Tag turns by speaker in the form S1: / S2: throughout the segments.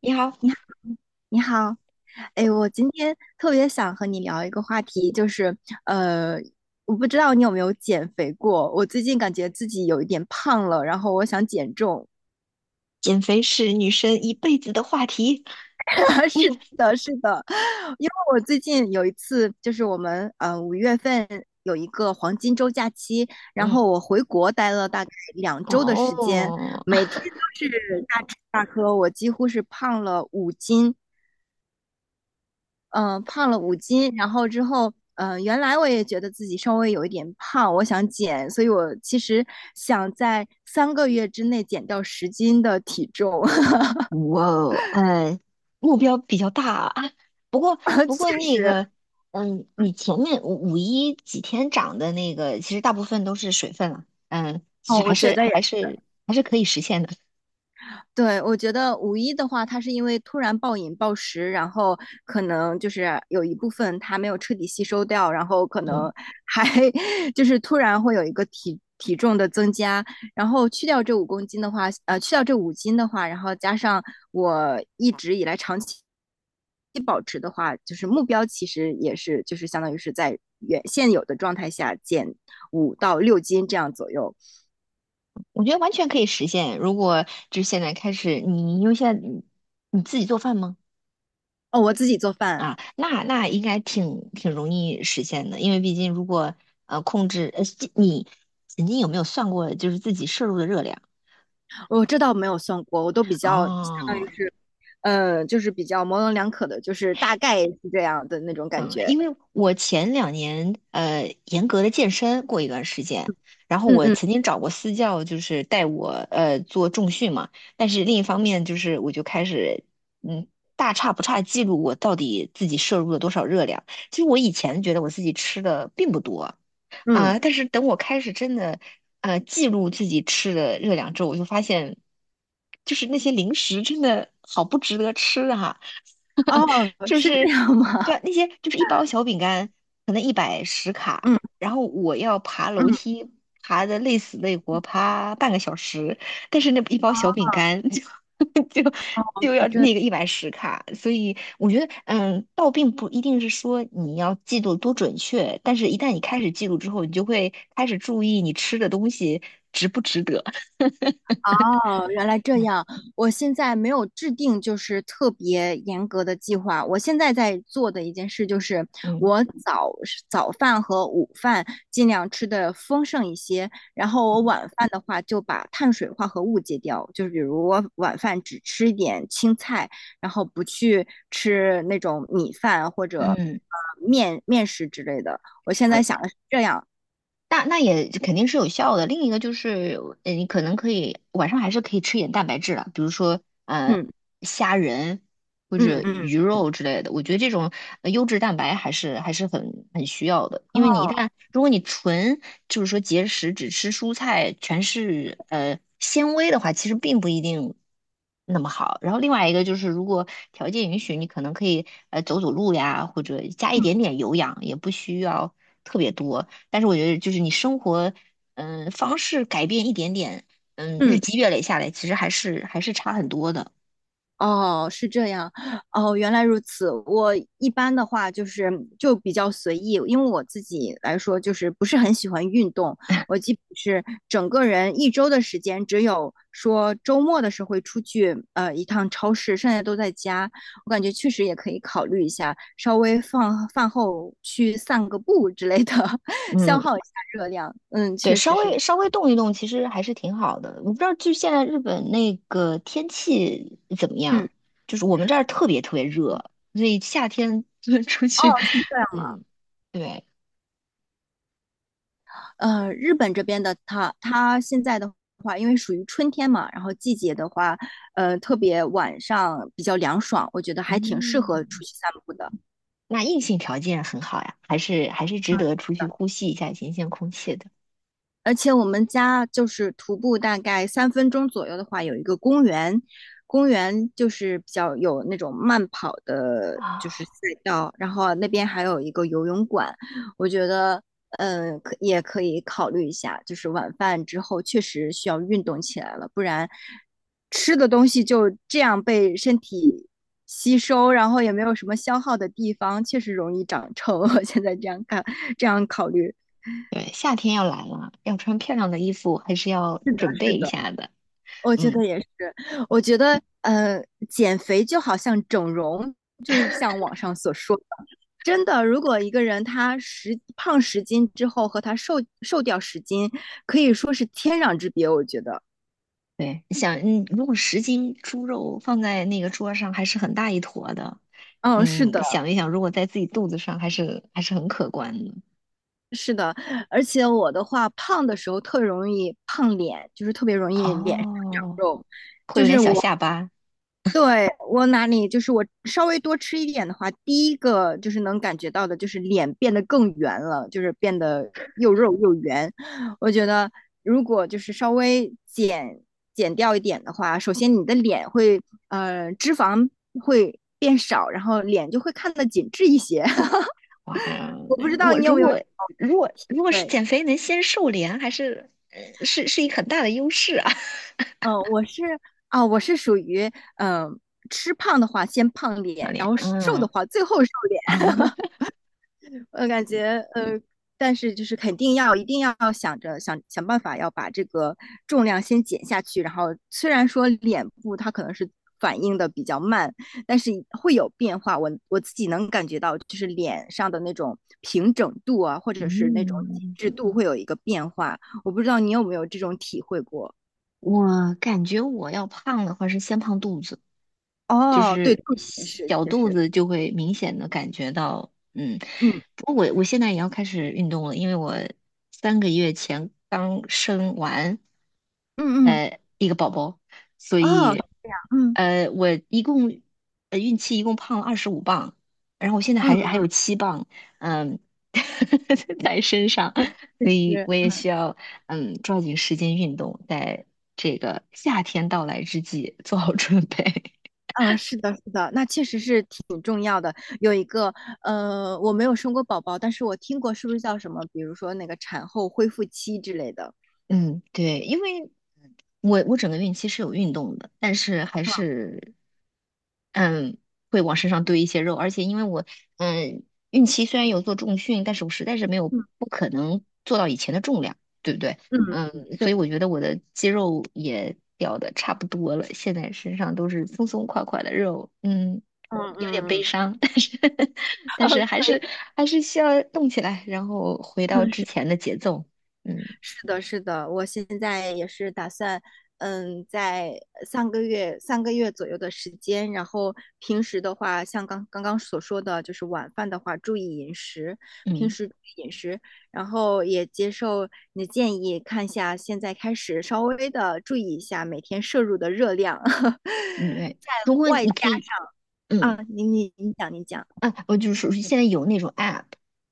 S1: 你好，
S2: 你好。哎，我今天特别想和你聊一个话题，就是，呃，我不知道你有没有减肥过，我最近感觉自己有一点胖了，然后我想减重。
S1: 减肥是女生一辈子的话题。
S2: 是的，是的，因为我最近有一次，就是我们5月份有一个黄金周假期，然
S1: 嗯，
S2: 后我回国待了大概2周的时间，
S1: 哦，
S2: 每天都是大吃大喝，我几乎是胖了五斤。嗯，胖了五斤。然后之后，嗯，原来我也觉得自己稍微有一点胖，我想减，所以我其实想在三个月之内减掉十斤的体重。
S1: 哇哦，目标比较大啊。不过，不过
S2: 确
S1: 那
S2: 实。
S1: 个，嗯，你前面五一几天涨的那个，其实大部分都是水分了。嗯，其
S2: 哦，
S1: 实还
S2: 我觉
S1: 是
S2: 得也
S1: 还是还是可以实现的。
S2: 对。我觉得五一的话，它是因为突然暴饮暴食，然后可能就是有一部分它没有彻底吸收掉，然后可
S1: 嗯，
S2: 能还 就是突然会有一个体重的增加，然后去掉这5公斤的话，去掉这五斤的话，然后加上我一直以来长期保持的话，就是目标其实也是就是相当于是在原现有的状态下减5到6斤这样左右。
S1: 我觉得完全可以实现。如果就是现在开始，你因为现在你自己做饭吗？
S2: 哦，我自己做饭。
S1: 啊，那应该挺容易实现的，因为毕竟如果控制这你曾经有没有算过就是自己摄入的热量？
S2: 这倒没有算过，我都比较
S1: 哦，
S2: 就是比较模棱两可的，就是大概是这样的那种感
S1: 嗯，
S2: 觉。
S1: 因为我前两年严格的健身过一段时间，然后
S2: 嗯
S1: 我
S2: 嗯。
S1: 曾经找过私教，就是带我做重训嘛，但是另一方面就是我就开始嗯大差不差记录我到底自己摄入了多少热量。其实我以前觉得我自己吃的并不多，
S2: 嗯。
S1: 啊，但是等我开始真的记录自己吃的热量之后，我就发现，就是那些零食真的好不值得吃哈、
S2: 哦，
S1: 就
S2: 是这
S1: 是
S2: 样吗？
S1: 对啊 那些就是一包小饼干可能一百十卡，
S2: 嗯
S1: 然后我要爬楼
S2: 嗯。
S1: 梯爬的累死累活，爬半个小时，但是那一包小饼干 就要那个110卡，所以我觉得，嗯，倒并不一定是说你要记录多准确，但是一旦你开始记录之后，你就会开始注意你吃的东西值不值得。
S2: 哦，原来这样。
S1: 嗯
S2: 我现在没有制定就是特别严格的计划。我现在在做的一件事就是，
S1: 嗯
S2: 我早早饭和午饭尽量吃的丰盛一些，然后我
S1: 嗯，
S2: 晚饭的话就把碳水化合物戒掉，就是比如我晚饭只吃一点青菜，然后不去吃那种米饭或者
S1: 嗯，
S2: 面食之类的。我现在想的是这样。
S1: 那也肯定是有效的。另一个就是，你可能可以晚上还是可以吃一点蛋白质的，比如说
S2: 嗯
S1: 虾仁或者
S2: 嗯嗯。
S1: 鱼肉之类的。我觉得这种优质蛋白还是很需要的，因为你一
S2: 哦。
S1: 旦如果你纯就是说节食只吃蔬菜，全是纤维的话，其实并不一定那么好。然后另外一个就是，如果条件允许，你可能可以走走路呀，或者加一点点有氧，也不需要特别多。但是我觉得就是你生活，方式改变一点点，嗯，日
S2: 嗯。
S1: 积月累下来，其实还是差很多的。
S2: 哦，是这样。哦，原来如此。我一般的话就是就比较随意，因为我自己来说就是不是很喜欢运动，我基本是整个人一周的时间，只有说周末的时候会出去一趟超市，剩下都在家。我感觉确实也可以考虑一下，稍微放饭后去散个步之类的，消
S1: 嗯，
S2: 耗一下热量。嗯，
S1: 对，
S2: 确实
S1: 稍
S2: 是。
S1: 微稍微动一动，其实还是挺好的。我不知道，就现在日本那个天气怎么样？
S2: 嗯。
S1: 就是我们这儿特别特别
S2: 嗯。
S1: 热，所以夏天就 出
S2: 哦，
S1: 去，
S2: 是这样。
S1: 嗯，对，
S2: 呃，日本这边的它现在的话，因为属于春天嘛，然后季节的话，呃，特别晚上比较凉爽，我觉得还挺适合
S1: 嗯，
S2: 出去散步的。
S1: 那硬性条件很好呀，还是值得出去呼吸一下新鲜空气的
S2: 而且我们家就是徒步大概3分钟左右的话，有一个公园。公园就是比较有那种慢跑的，就是
S1: 啊。
S2: 赛道。然后那边还有一个游泳馆。我觉得，嗯，也可以考虑一下，就是晚饭之后确实需要运动起来了，不然吃的东西就这样被身体吸收，然后也没有什么消耗的地方，确实容易长臭。我现在这样看，这样考虑。
S1: 对，夏天要来了，要穿漂亮的衣服，还是要准备
S2: 是
S1: 一
S2: 的。
S1: 下的。
S2: 我觉
S1: 嗯，
S2: 得也是。我觉得，呃，减肥就好像整容，就是像网上所说的，真的，如果一个人他胖十斤之后和他瘦掉十斤，可以说是天壤之别，我觉得。
S1: 对，你想，嗯，如果10斤猪肉放在那个桌上，还是很大一坨的。
S2: 嗯，是
S1: 嗯，
S2: 的，
S1: 想一想，如果在自己肚子上，还是很可观的。
S2: 是的。而且我的话，胖的时候特容易胖脸，就是特别容易脸上
S1: 哦，
S2: 肉。
S1: 会有点小下巴。
S2: 对，我哪里就是我稍微多吃一点的话，第一个就是能感觉到的，就是脸变得更圆了，就是变得又肉又圆。我觉得如果就是稍微减掉一点的话，首先你的脸会脂肪会变少，然后脸就会看得紧致一些。
S1: 哇，
S2: 我不知道
S1: 我
S2: 你有
S1: 如
S2: 没有
S1: 果如果
S2: 体
S1: 如果是
S2: 会
S1: 减肥能先瘦脸，还是是一个很大的优势啊。
S2: 啊？我是属于嗯、呃吃胖的话先胖
S1: 好
S2: 脸，然
S1: 脸，
S2: 后瘦
S1: 嗯。
S2: 的话最后瘦脸。我感觉呃，但是就是肯定要一定要想想办法要把这个重量先减下去，然后虽然说脸部它可能是反应的比较慢，但是会有变化。我自己能感觉到，就是脸上的那种平整度啊，或者是那种
S1: 嗯，
S2: 紧致度会有一个变化。我不知道你有没有这种体会过？
S1: 我感觉我要胖的话是先胖肚子，就
S2: 哦，对，
S1: 是
S2: 肚子也是，
S1: 小
S2: 就
S1: 肚
S2: 是，
S1: 子就会明显的感觉到，嗯，
S2: 嗯
S1: 不过我现在也要开始运动了，因为我3个月前刚生完
S2: 嗯。嗯。
S1: 一个宝宝，所
S2: 哦。
S1: 以
S2: 嗯
S1: 我一共孕期一共胖了25磅，然后我现在还
S2: 嗯。
S1: 还有7磅，嗯，在身上，
S2: 嗯，确
S1: 所以
S2: 实。
S1: 我也需要抓紧时间运动，在这个夏天到来之际做好准备。
S2: 嗯，是的，是的，那确实是挺重要的。有一个，呃，我没有生过宝宝，但是我听过，是不是叫什么？比如说那个产后恢复期之类的。
S1: 嗯，对，因为我整个孕期是有运动的，但是还是嗯会往身上堆一些肉，而且因为我嗯孕期虽然有做重训，但是我实在是没有
S2: 嗯
S1: 不可能做到以前的重量，对不对？
S2: 嗯，
S1: 嗯，所以
S2: 对。
S1: 我觉得我的肌肉也掉的差不多了，现在身上都是松松垮垮的肉，嗯，
S2: 嗯
S1: 有点悲
S2: 嗯。
S1: 伤，但是 但是还是需要动起来，然后回到
S2: 嗯，
S1: 之
S2: 是。
S1: 前的节奏，嗯
S2: 是的，是的，我现在也是打算。嗯，在三个月左右的时间，然后平时的话，像刚所说的，就是晚饭的话，注意饮食，平
S1: 嗯。
S2: 时注意饮食，然后也接受你的建议，看一下现在开始稍微的注意一下每天摄入的热量。
S1: 嗯对，如果你可以，
S2: 啊，
S1: 嗯，
S2: 你讲，你讲。
S1: 啊，我就是说现在有那种 app，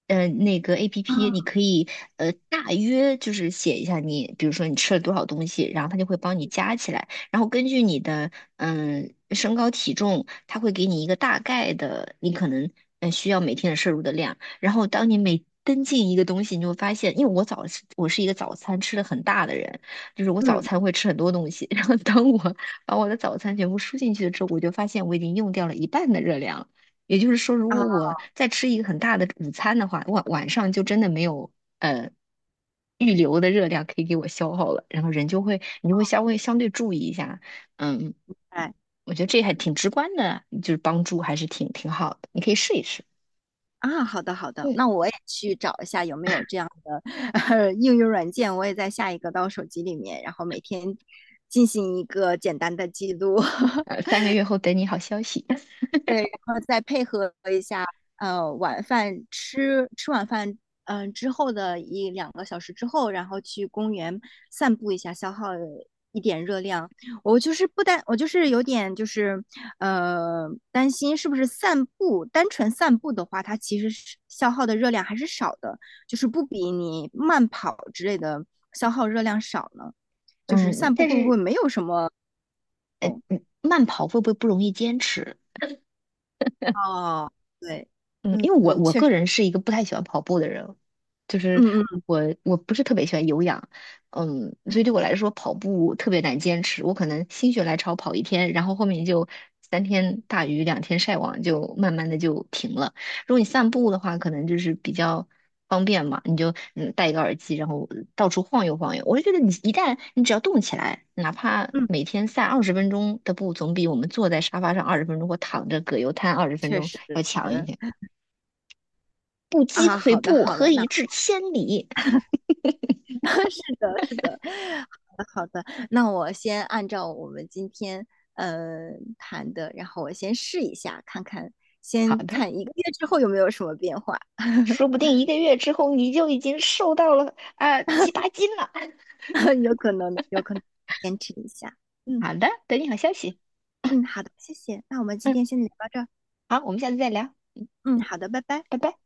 S1: 那个 app
S2: 啊，
S1: 你可以大约就是写一下你，比如说你吃了多少东西，然后它就会帮你加起来，然后根据你的身高体重，它会给你一个大概的你可能需要每天的摄入的量，然后当你每登进一个东西，你就会发现，因为我是一个早餐吃的很大的人，就是我早
S2: 嗯。
S1: 餐会吃很多东西，然后当我把我的早餐全部输进去了之后，我就发现我已经用掉了一半的热量了也就是说，如
S2: 啊，
S1: 果我再吃一个很大的午餐的话，晚上就真的没有呃预留的热量可以给我消耗了，然后人就会你就会稍微相对注意一下，嗯，
S2: 哎。
S1: 我觉得这还挺直观的，就是帮助还是挺好的，你可以试一试，
S2: 啊，好的好的，
S1: 嗯，
S2: 那我也去找一下有没有这样的 应用软件，我也在下一个到手机里面，然后每天进行一个简单的记录。
S1: 3个月后等你好消息，
S2: 对，然后再配合一下呃晚饭吃吃晚饭。嗯，之后的一两个小时之后，然后去公园散步一下，消耗一点热量。我就是不担，我就是有点就是担心，是不是单纯散步的话，它其实是消耗的热量还是少的，就是不比你慢跑之类的消耗热量少呢？就是
S1: 嗯，
S2: 散步
S1: 但
S2: 会不
S1: 是
S2: 会没有什么？
S1: 慢跑会不会不容易坚持？
S2: 哦，对，
S1: 嗯，
S2: 嗯
S1: 因为我
S2: 嗯，
S1: 我
S2: 确
S1: 个
S2: 实，
S1: 人是一个不太喜欢跑步的人，就是
S2: 嗯嗯。
S1: 我不是特别喜欢有氧，嗯，所以对我来说跑步特别难坚持。我可能心血来潮跑一天，然后后面就三天大鱼两天晒网，就慢慢的就停了。如果你散步的话，可能就是比较方便嘛，你就戴一个耳机，然后到处晃悠晃悠。我就觉得你一旦你只要动起来，哪怕
S2: 嗯
S1: 每天散二十分钟的步，总比我们坐在沙发上二十分钟或躺着葛优瘫二十分
S2: 确
S1: 钟要
S2: 实。
S1: 强一些。不积
S2: 啊，
S1: 跬
S2: 好的
S1: 步，
S2: 好
S1: 何
S2: 的，那
S1: 以至千里？
S2: 是的是的，好的好的，那我先按照我们今天谈的，然后我先试一下，看看，
S1: 好
S2: 先
S1: 的，
S2: 看一个月之后有没有什么变化。
S1: 说不 定一个月之后你就已经瘦到了啊、七八斤了。
S2: 有可能的，有可能坚持一下。嗯
S1: 好的，等你好消息。
S2: 嗯，好的，谢谢，那我们今
S1: 嗯，
S2: 天先聊到这儿。
S1: 好，我们下次再聊，
S2: 嗯，好的，拜拜。
S1: 拜拜。